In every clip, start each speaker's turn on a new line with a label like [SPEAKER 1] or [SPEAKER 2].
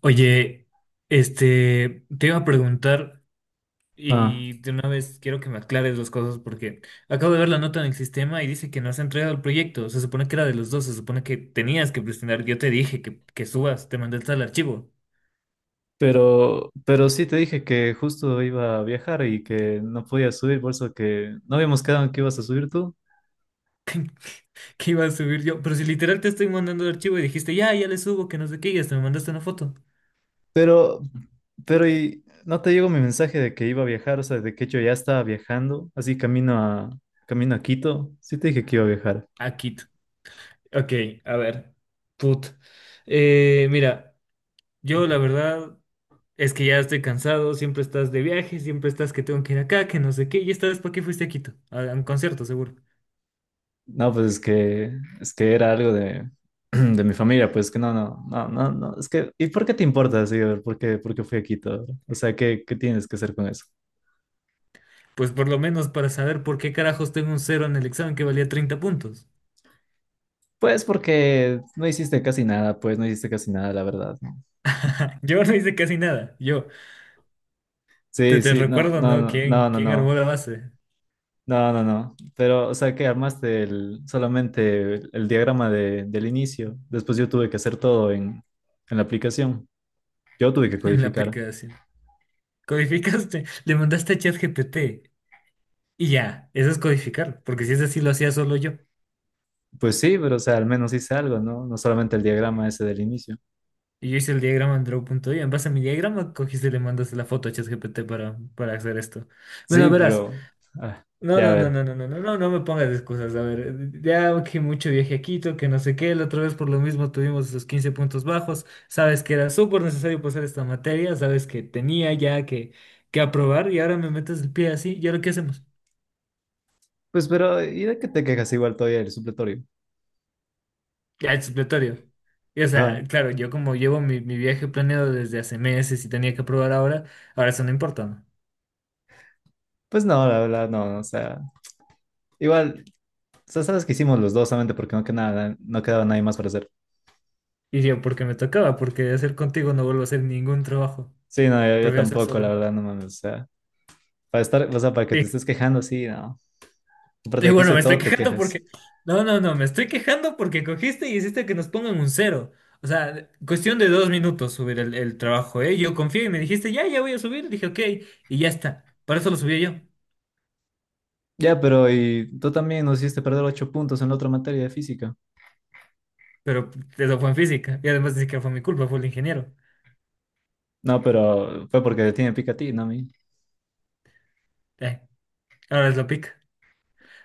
[SPEAKER 1] Oye, te iba a preguntar
[SPEAKER 2] Ah,
[SPEAKER 1] y de una vez quiero que me aclares dos cosas porque acabo de ver la nota en el sistema y dice que no has entregado el proyecto. Se supone que era de los dos, se supone que tenías que presentar. Yo te dije que subas, te mandé el tal archivo
[SPEAKER 2] pero sí te dije que justo iba a viajar y que no podía subir, por eso que no habíamos quedado en que ibas a subir tú.
[SPEAKER 1] que iba a subir yo, pero si literal te estoy mandando el archivo y dijiste, ya, ya le subo, que no sé qué, y hasta me mandaste una foto.
[SPEAKER 2] Pero, pero y no te llegó mi mensaje de que iba a viajar, o sea, de que yo ya estaba viajando, así camino a Quito. Sí te dije que iba a viajar.
[SPEAKER 1] Aquí. Ok, a ver. Put. Mira, yo, la verdad, es que ya estoy cansado, siempre estás de viaje, siempre estás que tengo que ir acá, que no sé qué, y esta vez ¿para qué fuiste a Quito? A un concierto, seguro.
[SPEAKER 2] No, pues es que era algo de, de mi familia, pues que no, es que, ¿y por qué te importa, así, a ver? ¿Por por qué fui a Quito? O sea, qué tienes que hacer con eso?
[SPEAKER 1] Pues por lo menos para saber por qué carajos tengo un cero en el examen que valía 30 puntos.
[SPEAKER 2] Pues porque no hiciste casi nada, pues no hiciste casi nada, la verdad, ¿no?
[SPEAKER 1] Yo no hice casi nada, yo. Te,
[SPEAKER 2] Sí,
[SPEAKER 1] te
[SPEAKER 2] sí, no,
[SPEAKER 1] recuerdo,
[SPEAKER 2] no,
[SPEAKER 1] ¿no?
[SPEAKER 2] no, no,
[SPEAKER 1] ¿Quién,
[SPEAKER 2] no,
[SPEAKER 1] quién armó
[SPEAKER 2] no,
[SPEAKER 1] la base
[SPEAKER 2] no, no, no. Pero, o sea, que armaste solamente el diagrama de- del inicio. Después yo tuve que hacer todo en la aplicación. Yo tuve que
[SPEAKER 1] en la
[SPEAKER 2] codificar.
[SPEAKER 1] aplicación? Codificaste, le mandaste a ChatGPT y ya, eso es codificar, porque si es así lo hacía solo yo.
[SPEAKER 2] Pues sí, pero, o sea, al menos hice algo, ¿no? No solamente el diagrama ese del inicio.
[SPEAKER 1] Y yo hice el diagrama en Draw.io, en base a mi diagrama cogiste y le mandaste la foto a ChatGPT para hacer esto. Bueno,
[SPEAKER 2] Sí,
[SPEAKER 1] verás.
[SPEAKER 2] pero, ah,
[SPEAKER 1] No,
[SPEAKER 2] ya a
[SPEAKER 1] no, no,
[SPEAKER 2] ver.
[SPEAKER 1] no, no, no, no, no, no me pongas excusas. A ver, ya que mucho viaje a Quito, que no sé qué, la otra vez por lo mismo tuvimos esos 15 puntos bajos. Sabes que era súper necesario pasar esta materia, sabes que tenía ya que aprobar y ahora me metes el pie así. ¿Y ahora qué hacemos?
[SPEAKER 2] Pues, pero, ¿y de qué te quejas igual todavía el supletorio?
[SPEAKER 1] Ya es supletorio. Y, o sea,
[SPEAKER 2] Ajá.
[SPEAKER 1] claro, yo como llevo mi viaje planeado desde hace meses y tenía que aprobar ahora, ahora eso no importa, ¿no?
[SPEAKER 2] Pues no, la verdad, no, no, o sea, igual. O sea, sabes que hicimos los dos solamente porque no quedaba nadie más para hacer.
[SPEAKER 1] Y yo, porque me tocaba, porque de hacer contigo no vuelvo a hacer ningún trabajo.
[SPEAKER 2] Sí, no, yo
[SPEAKER 1] Prefiero hacer
[SPEAKER 2] tampoco, la
[SPEAKER 1] solo.
[SPEAKER 2] verdad, no mames. O sea, para estar, o sea, para que te estés quejando, sí, no. Aparte
[SPEAKER 1] Y
[SPEAKER 2] de que
[SPEAKER 1] bueno,
[SPEAKER 2] hice
[SPEAKER 1] me estoy
[SPEAKER 2] todo, te
[SPEAKER 1] quejando
[SPEAKER 2] quejas.
[SPEAKER 1] porque... No, no, no, me estoy quejando porque cogiste y hiciste que nos pongan un cero. O sea, cuestión de 2 minutos subir el trabajo, ¿eh? Yo confié y me dijiste, ya, ya voy a subir. Dije, ok, y ya está. Para eso lo subí yo.
[SPEAKER 2] Ya, pero y tú también nos hiciste perder 8 puntos en la otra materia de física.
[SPEAKER 1] Pero eso fue en física. Y además ni que fue mi culpa, fue el ingeniero.
[SPEAKER 2] No, pero fue porque te tiene pica a ti, no a mí.
[SPEAKER 1] Eh, ahora es lo pica.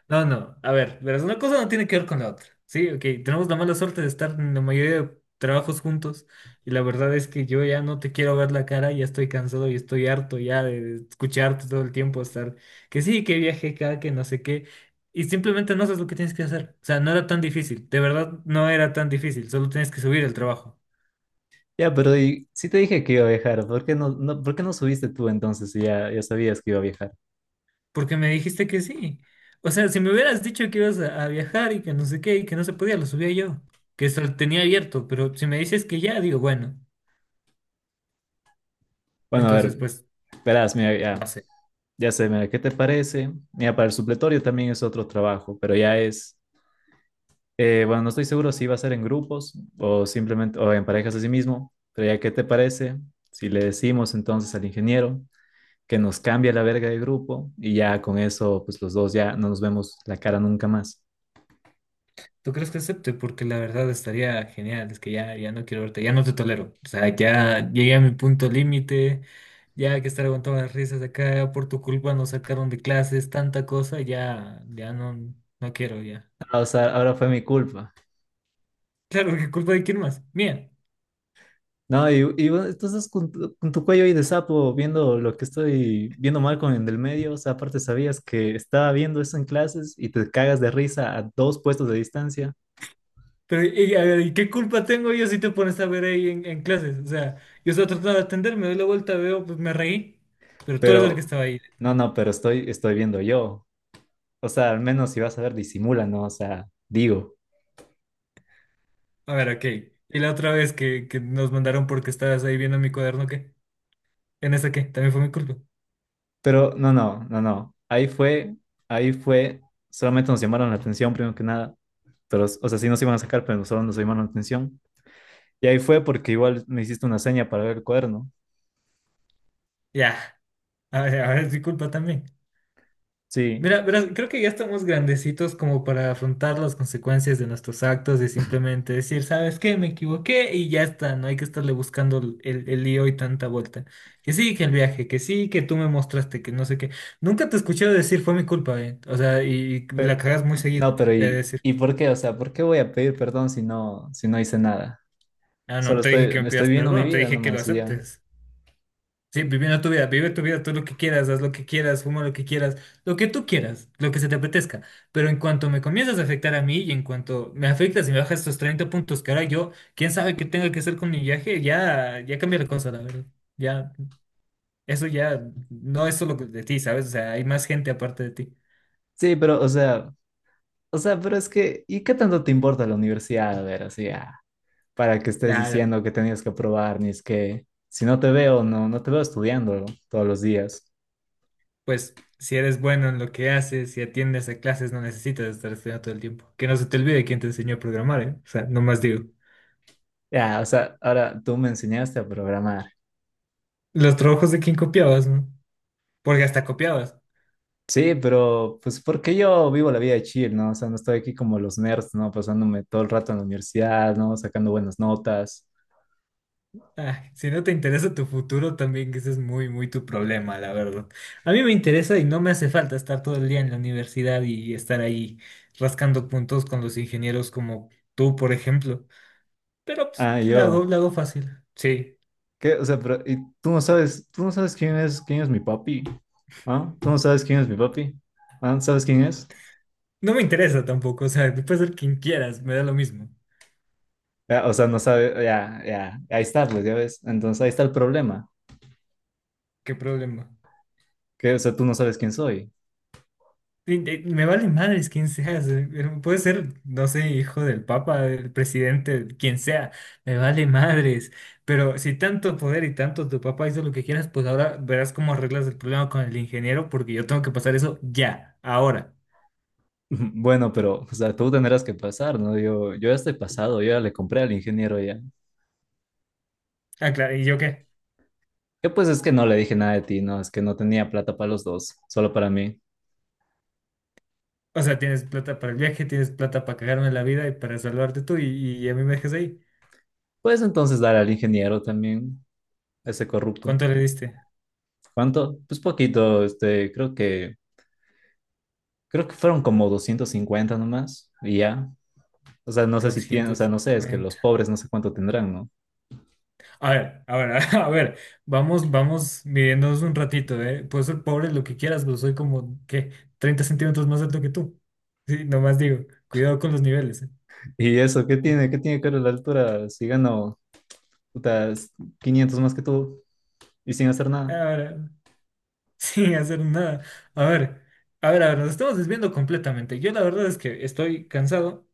[SPEAKER 1] No, no, a ver, verás, una cosa no tiene que ver con la otra. Sí, ok, tenemos la mala suerte de estar en la mayoría de trabajos juntos y la verdad es que yo ya no te quiero ver la cara, ya estoy cansado y estoy harto ya de escucharte todo el tiempo estar que sí, que viaje acá, que no sé qué, y simplemente no haces lo que tienes que hacer. O sea, no era tan difícil, de verdad no era tan difícil, solo tienes que subir el trabajo,
[SPEAKER 2] Ya, pero y sí te dije que iba a viajar. ¿Por qué por qué no subiste tú entonces si ya sabías que iba a viajar?
[SPEAKER 1] porque me dijiste que sí. O sea, si me hubieras dicho que ibas a viajar y que no sé qué y que no se podía, lo subía yo, que eso lo tenía abierto, pero si me dices que ya, digo, bueno.
[SPEAKER 2] Bueno, a
[SPEAKER 1] Entonces,
[SPEAKER 2] ver,
[SPEAKER 1] pues,
[SPEAKER 2] verás, mira,
[SPEAKER 1] no sé.
[SPEAKER 2] ya sé, mira, ¿qué te parece? Mira, para el supletorio también es otro trabajo, pero ya es... bueno, no estoy seguro si va a ser en grupos o simplemente o en parejas a sí mismo, pero ya qué te parece si le decimos entonces al ingeniero que nos cambie la verga de grupo y ya con eso pues los dos ya no nos vemos la cara nunca más.
[SPEAKER 1] ¿Tú crees que acepte? Porque la verdad estaría genial. Es que ya, ya no quiero verte, ya no te tolero. O sea, ya llegué a mi punto límite. Ya hay que estar aguantando las risas acá, por tu culpa nos sacaron de clases, tanta cosa, ya, ya no, no quiero, ya.
[SPEAKER 2] Ah, o sea, ahora fue mi culpa.
[SPEAKER 1] Claro, ¿qué culpa de quién más? Mía.
[SPEAKER 2] No, y bueno, entonces con con tu cuello ahí de sapo viendo lo que estoy viendo mal con el del medio, o sea, aparte sabías que estaba viendo eso en clases y te cagas de risa a dos puestos de distancia,
[SPEAKER 1] Pero, y, a ver, ¿y qué culpa tengo yo si te pones a ver ahí en clases? O sea, yo estaba tratando de atender, me doy la vuelta, veo, pues me reí, pero tú eres el que
[SPEAKER 2] pero
[SPEAKER 1] estaba ahí.
[SPEAKER 2] no, no, pero estoy viendo yo. O sea, al menos si vas a ver, disimula, ¿no? O sea, digo.
[SPEAKER 1] A ver, ok. Y la otra vez que nos mandaron porque estabas ahí viendo mi cuaderno, ¿qué? ¿En esa qué? También fue mi culpa.
[SPEAKER 2] Pero no. Ahí fue, solamente nos llamaron la atención, primero que nada. Pero, o sea, sí nos iban a sacar, pero solo nos llamaron la atención. Y ahí fue porque igual me hiciste una seña para ver el cuerno.
[SPEAKER 1] Ya. A ver, ahora es mi culpa también.
[SPEAKER 2] Sí.
[SPEAKER 1] Mira, verás, creo que ya estamos grandecitos como para afrontar las consecuencias de nuestros actos y simplemente decir, ¿sabes qué? Me equivoqué y ya está. No hay que estarle buscando el lío y tanta vuelta. Que sí, que el viaje, que sí, que tú me mostraste, que no sé qué. Nunca te escuché decir fue mi culpa, ¿eh? O sea, y la
[SPEAKER 2] Pe-
[SPEAKER 1] cagas muy seguido.
[SPEAKER 2] no, pero
[SPEAKER 1] Es decir,
[SPEAKER 2] y por qué? O sea, ¿por qué voy a pedir perdón si no hice nada?
[SPEAKER 1] ah, no
[SPEAKER 2] Solo
[SPEAKER 1] te dije que me
[SPEAKER 2] estoy
[SPEAKER 1] pidas
[SPEAKER 2] viviendo mi
[SPEAKER 1] perdón, te
[SPEAKER 2] vida
[SPEAKER 1] dije que lo
[SPEAKER 2] nomás y ya.
[SPEAKER 1] aceptes. Sí, viviendo tu vida, vive tu vida, tú lo que quieras, haz lo que quieras, fuma lo que quieras, lo que tú quieras, lo que se te apetezca. Pero en cuanto me comienzas a afectar a mí y en cuanto me afectas y me bajas estos 30 puntos que ahora yo, quién sabe qué tenga que hacer con mi viaje, ya, ya cambia la cosa, la verdad. Ya, eso ya no es solo de ti, ¿sabes? O sea, hay más gente aparte de ti.
[SPEAKER 2] Sí, pero, o sea, pero es que, ¿y qué tanto te importa la universidad? A ver, así, ah, para que estés
[SPEAKER 1] Ya,
[SPEAKER 2] diciendo que tenías que probar, ni es que si no te veo, no te veo estudiando todos los días.
[SPEAKER 1] pues, si eres bueno en lo que haces, si atiendes a clases, no necesitas estar estudiando todo el tiempo. Que no se te olvide quién te enseñó a programar, ¿eh? O sea, nomás digo.
[SPEAKER 2] Ya, o sea, ahora tú me enseñaste a programar.
[SPEAKER 1] Los trabajos de quién copiabas, ¿no? Porque hasta copiabas.
[SPEAKER 2] Sí, pero pues porque yo vivo la vida de chill, ¿no? O sea, no estoy aquí como los nerds, ¿no? Pasándome todo el rato en la universidad, ¿no? Sacando buenas notas.
[SPEAKER 1] Ah, si no te interesa tu futuro, también que ese es muy, muy tu problema, la verdad. A mí me interesa y no me hace falta estar todo el día en la universidad y estar ahí rascando puntos con los ingenieros como tú, por ejemplo. Pero pues,
[SPEAKER 2] Ah, yo.
[SPEAKER 1] la hago fácil. Sí.
[SPEAKER 2] ¿Qué? O sea, pero ¿y tú no sabes quién quién es mi papi? ¿Ah? ¿Tú no sabes quién es mi papi? ¿Ah? ¿Sabes quién es?
[SPEAKER 1] No me interesa tampoco, o sea, tú puedes ser quien quieras, me da lo mismo.
[SPEAKER 2] Ya, o sea, no sabe, ahí está, pues, ya ves. Entonces, ahí está el problema.
[SPEAKER 1] ¿Qué problema?
[SPEAKER 2] ¿Qué? O sea, tú no sabes quién soy.
[SPEAKER 1] Sí, me vale madres quién seas. Pero puede ser, no sé, hijo del papa, del presidente, quien sea. Me vale madres. Pero si tanto poder y tanto tu papá hizo lo que quieras, pues ahora verás cómo arreglas el problema con el ingeniero, porque yo tengo que pasar eso ya, ahora.
[SPEAKER 2] Bueno, pero, o sea, tú tendrás que pasar, ¿no? Yo ya estoy pasado, yo ya le compré al ingeniero ya.
[SPEAKER 1] Ah, claro, ¿y yo qué?
[SPEAKER 2] Yo pues es que no le dije nada de ti, no, es que no tenía plata para los dos, solo para mí.
[SPEAKER 1] O sea, tienes plata para el viaje, tienes plata para cagarme la vida y para salvarte tú, y a mí me dejas ahí.
[SPEAKER 2] Puedes entonces dar al ingeniero también, a ese corrupto.
[SPEAKER 1] ¿Cuánto le diste?
[SPEAKER 2] ¿Cuánto? Pues poquito, este, creo que fueron como 250 nomás, y ya. O sea, no sé si tiene, o sea, no sé, es que los
[SPEAKER 1] 250.
[SPEAKER 2] pobres no sé cuánto tendrán, ¿no?
[SPEAKER 1] A ver, a ver, vamos, vamos midiéndonos un ratito, ¿eh? Puedes ser pobre lo que quieras, pero soy como, ¿qué? 30 centímetros más alto que tú. Sí, nomás digo, cuidado con los niveles, ¿eh?
[SPEAKER 2] Y eso, ¿qué tiene? ¿Qué tiene que ver la altura? Si gano, puta, 500 más que tú y sin hacer
[SPEAKER 1] A
[SPEAKER 2] nada.
[SPEAKER 1] ver, sin hacer nada. A ver, a ver, a ver, nos estamos desviando completamente. Yo la verdad es que estoy cansado.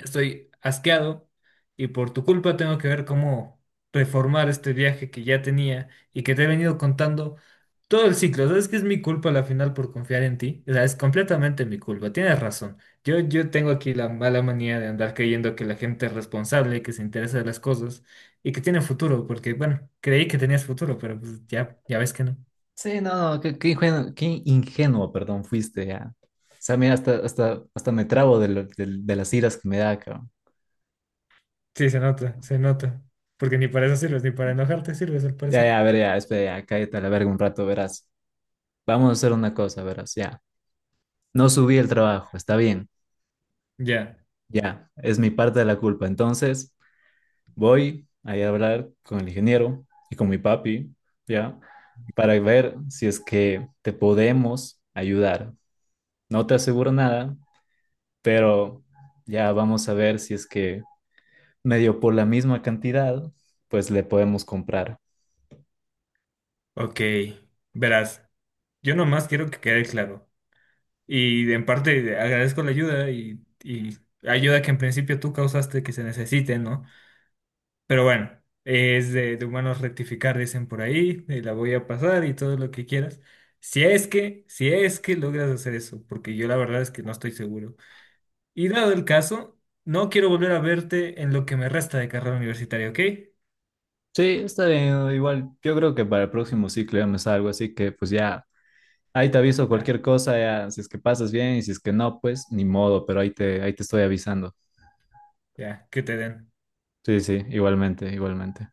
[SPEAKER 1] Estoy asqueado y por tu culpa tengo que ver cómo reformar este viaje que ya tenía y que te he venido contando todo el ciclo. ¿Sabes que es mi culpa a la final por confiar en ti? O sea, es completamente mi culpa. Tienes razón. Yo tengo aquí la mala manía de andar creyendo que la gente es responsable, que se interesa de las cosas y que tiene futuro, porque bueno, creí que tenías futuro, pero pues ya, ya ves que no.
[SPEAKER 2] Sí, no, no, qué, qué ingenuo, perdón, fuiste ya. O sea, mira, hasta me trabo de, de las iras que me da, cabrón.
[SPEAKER 1] Sí, se nota, se nota. Porque ni para eso sirves, ni para enojarte sirves, al parecer.
[SPEAKER 2] Ya, a ver, ya, espera, ya, cállate a la verga un rato, verás. Vamos a hacer una cosa, verás, ya. No subí el trabajo, está bien,
[SPEAKER 1] Ya,
[SPEAKER 2] ya, es mi parte de la culpa. Entonces, voy a ir a hablar con el ingeniero y con mi papi, ya, para ver si es que te podemos ayudar. No te aseguro nada, pero ya vamos a ver si es que medio por la misma cantidad, pues le podemos comprar.
[SPEAKER 1] ok. Verás. Yo nomás quiero que quede claro. Y en parte agradezco la ayuda y ayuda que en principio tú causaste que se necesite, ¿no? Pero bueno, es de humanos rectificar, dicen por ahí, y la voy a pasar y todo lo que quieras. Si es que logras hacer eso, porque yo la verdad es que no estoy seguro. Y dado el caso, no quiero volver a verte en lo que me resta de carrera universitaria, ¿ok?
[SPEAKER 2] Sí, está bien, igual yo creo que para el próximo ciclo ya me salgo, así que pues ya, ahí te aviso
[SPEAKER 1] La-
[SPEAKER 2] cualquier cosa, ya, si es que pasas bien y si es que no, pues ni modo, pero ahí te estoy avisando.
[SPEAKER 1] ya, que te den.
[SPEAKER 2] Sí, sí, igualmente, igualmente.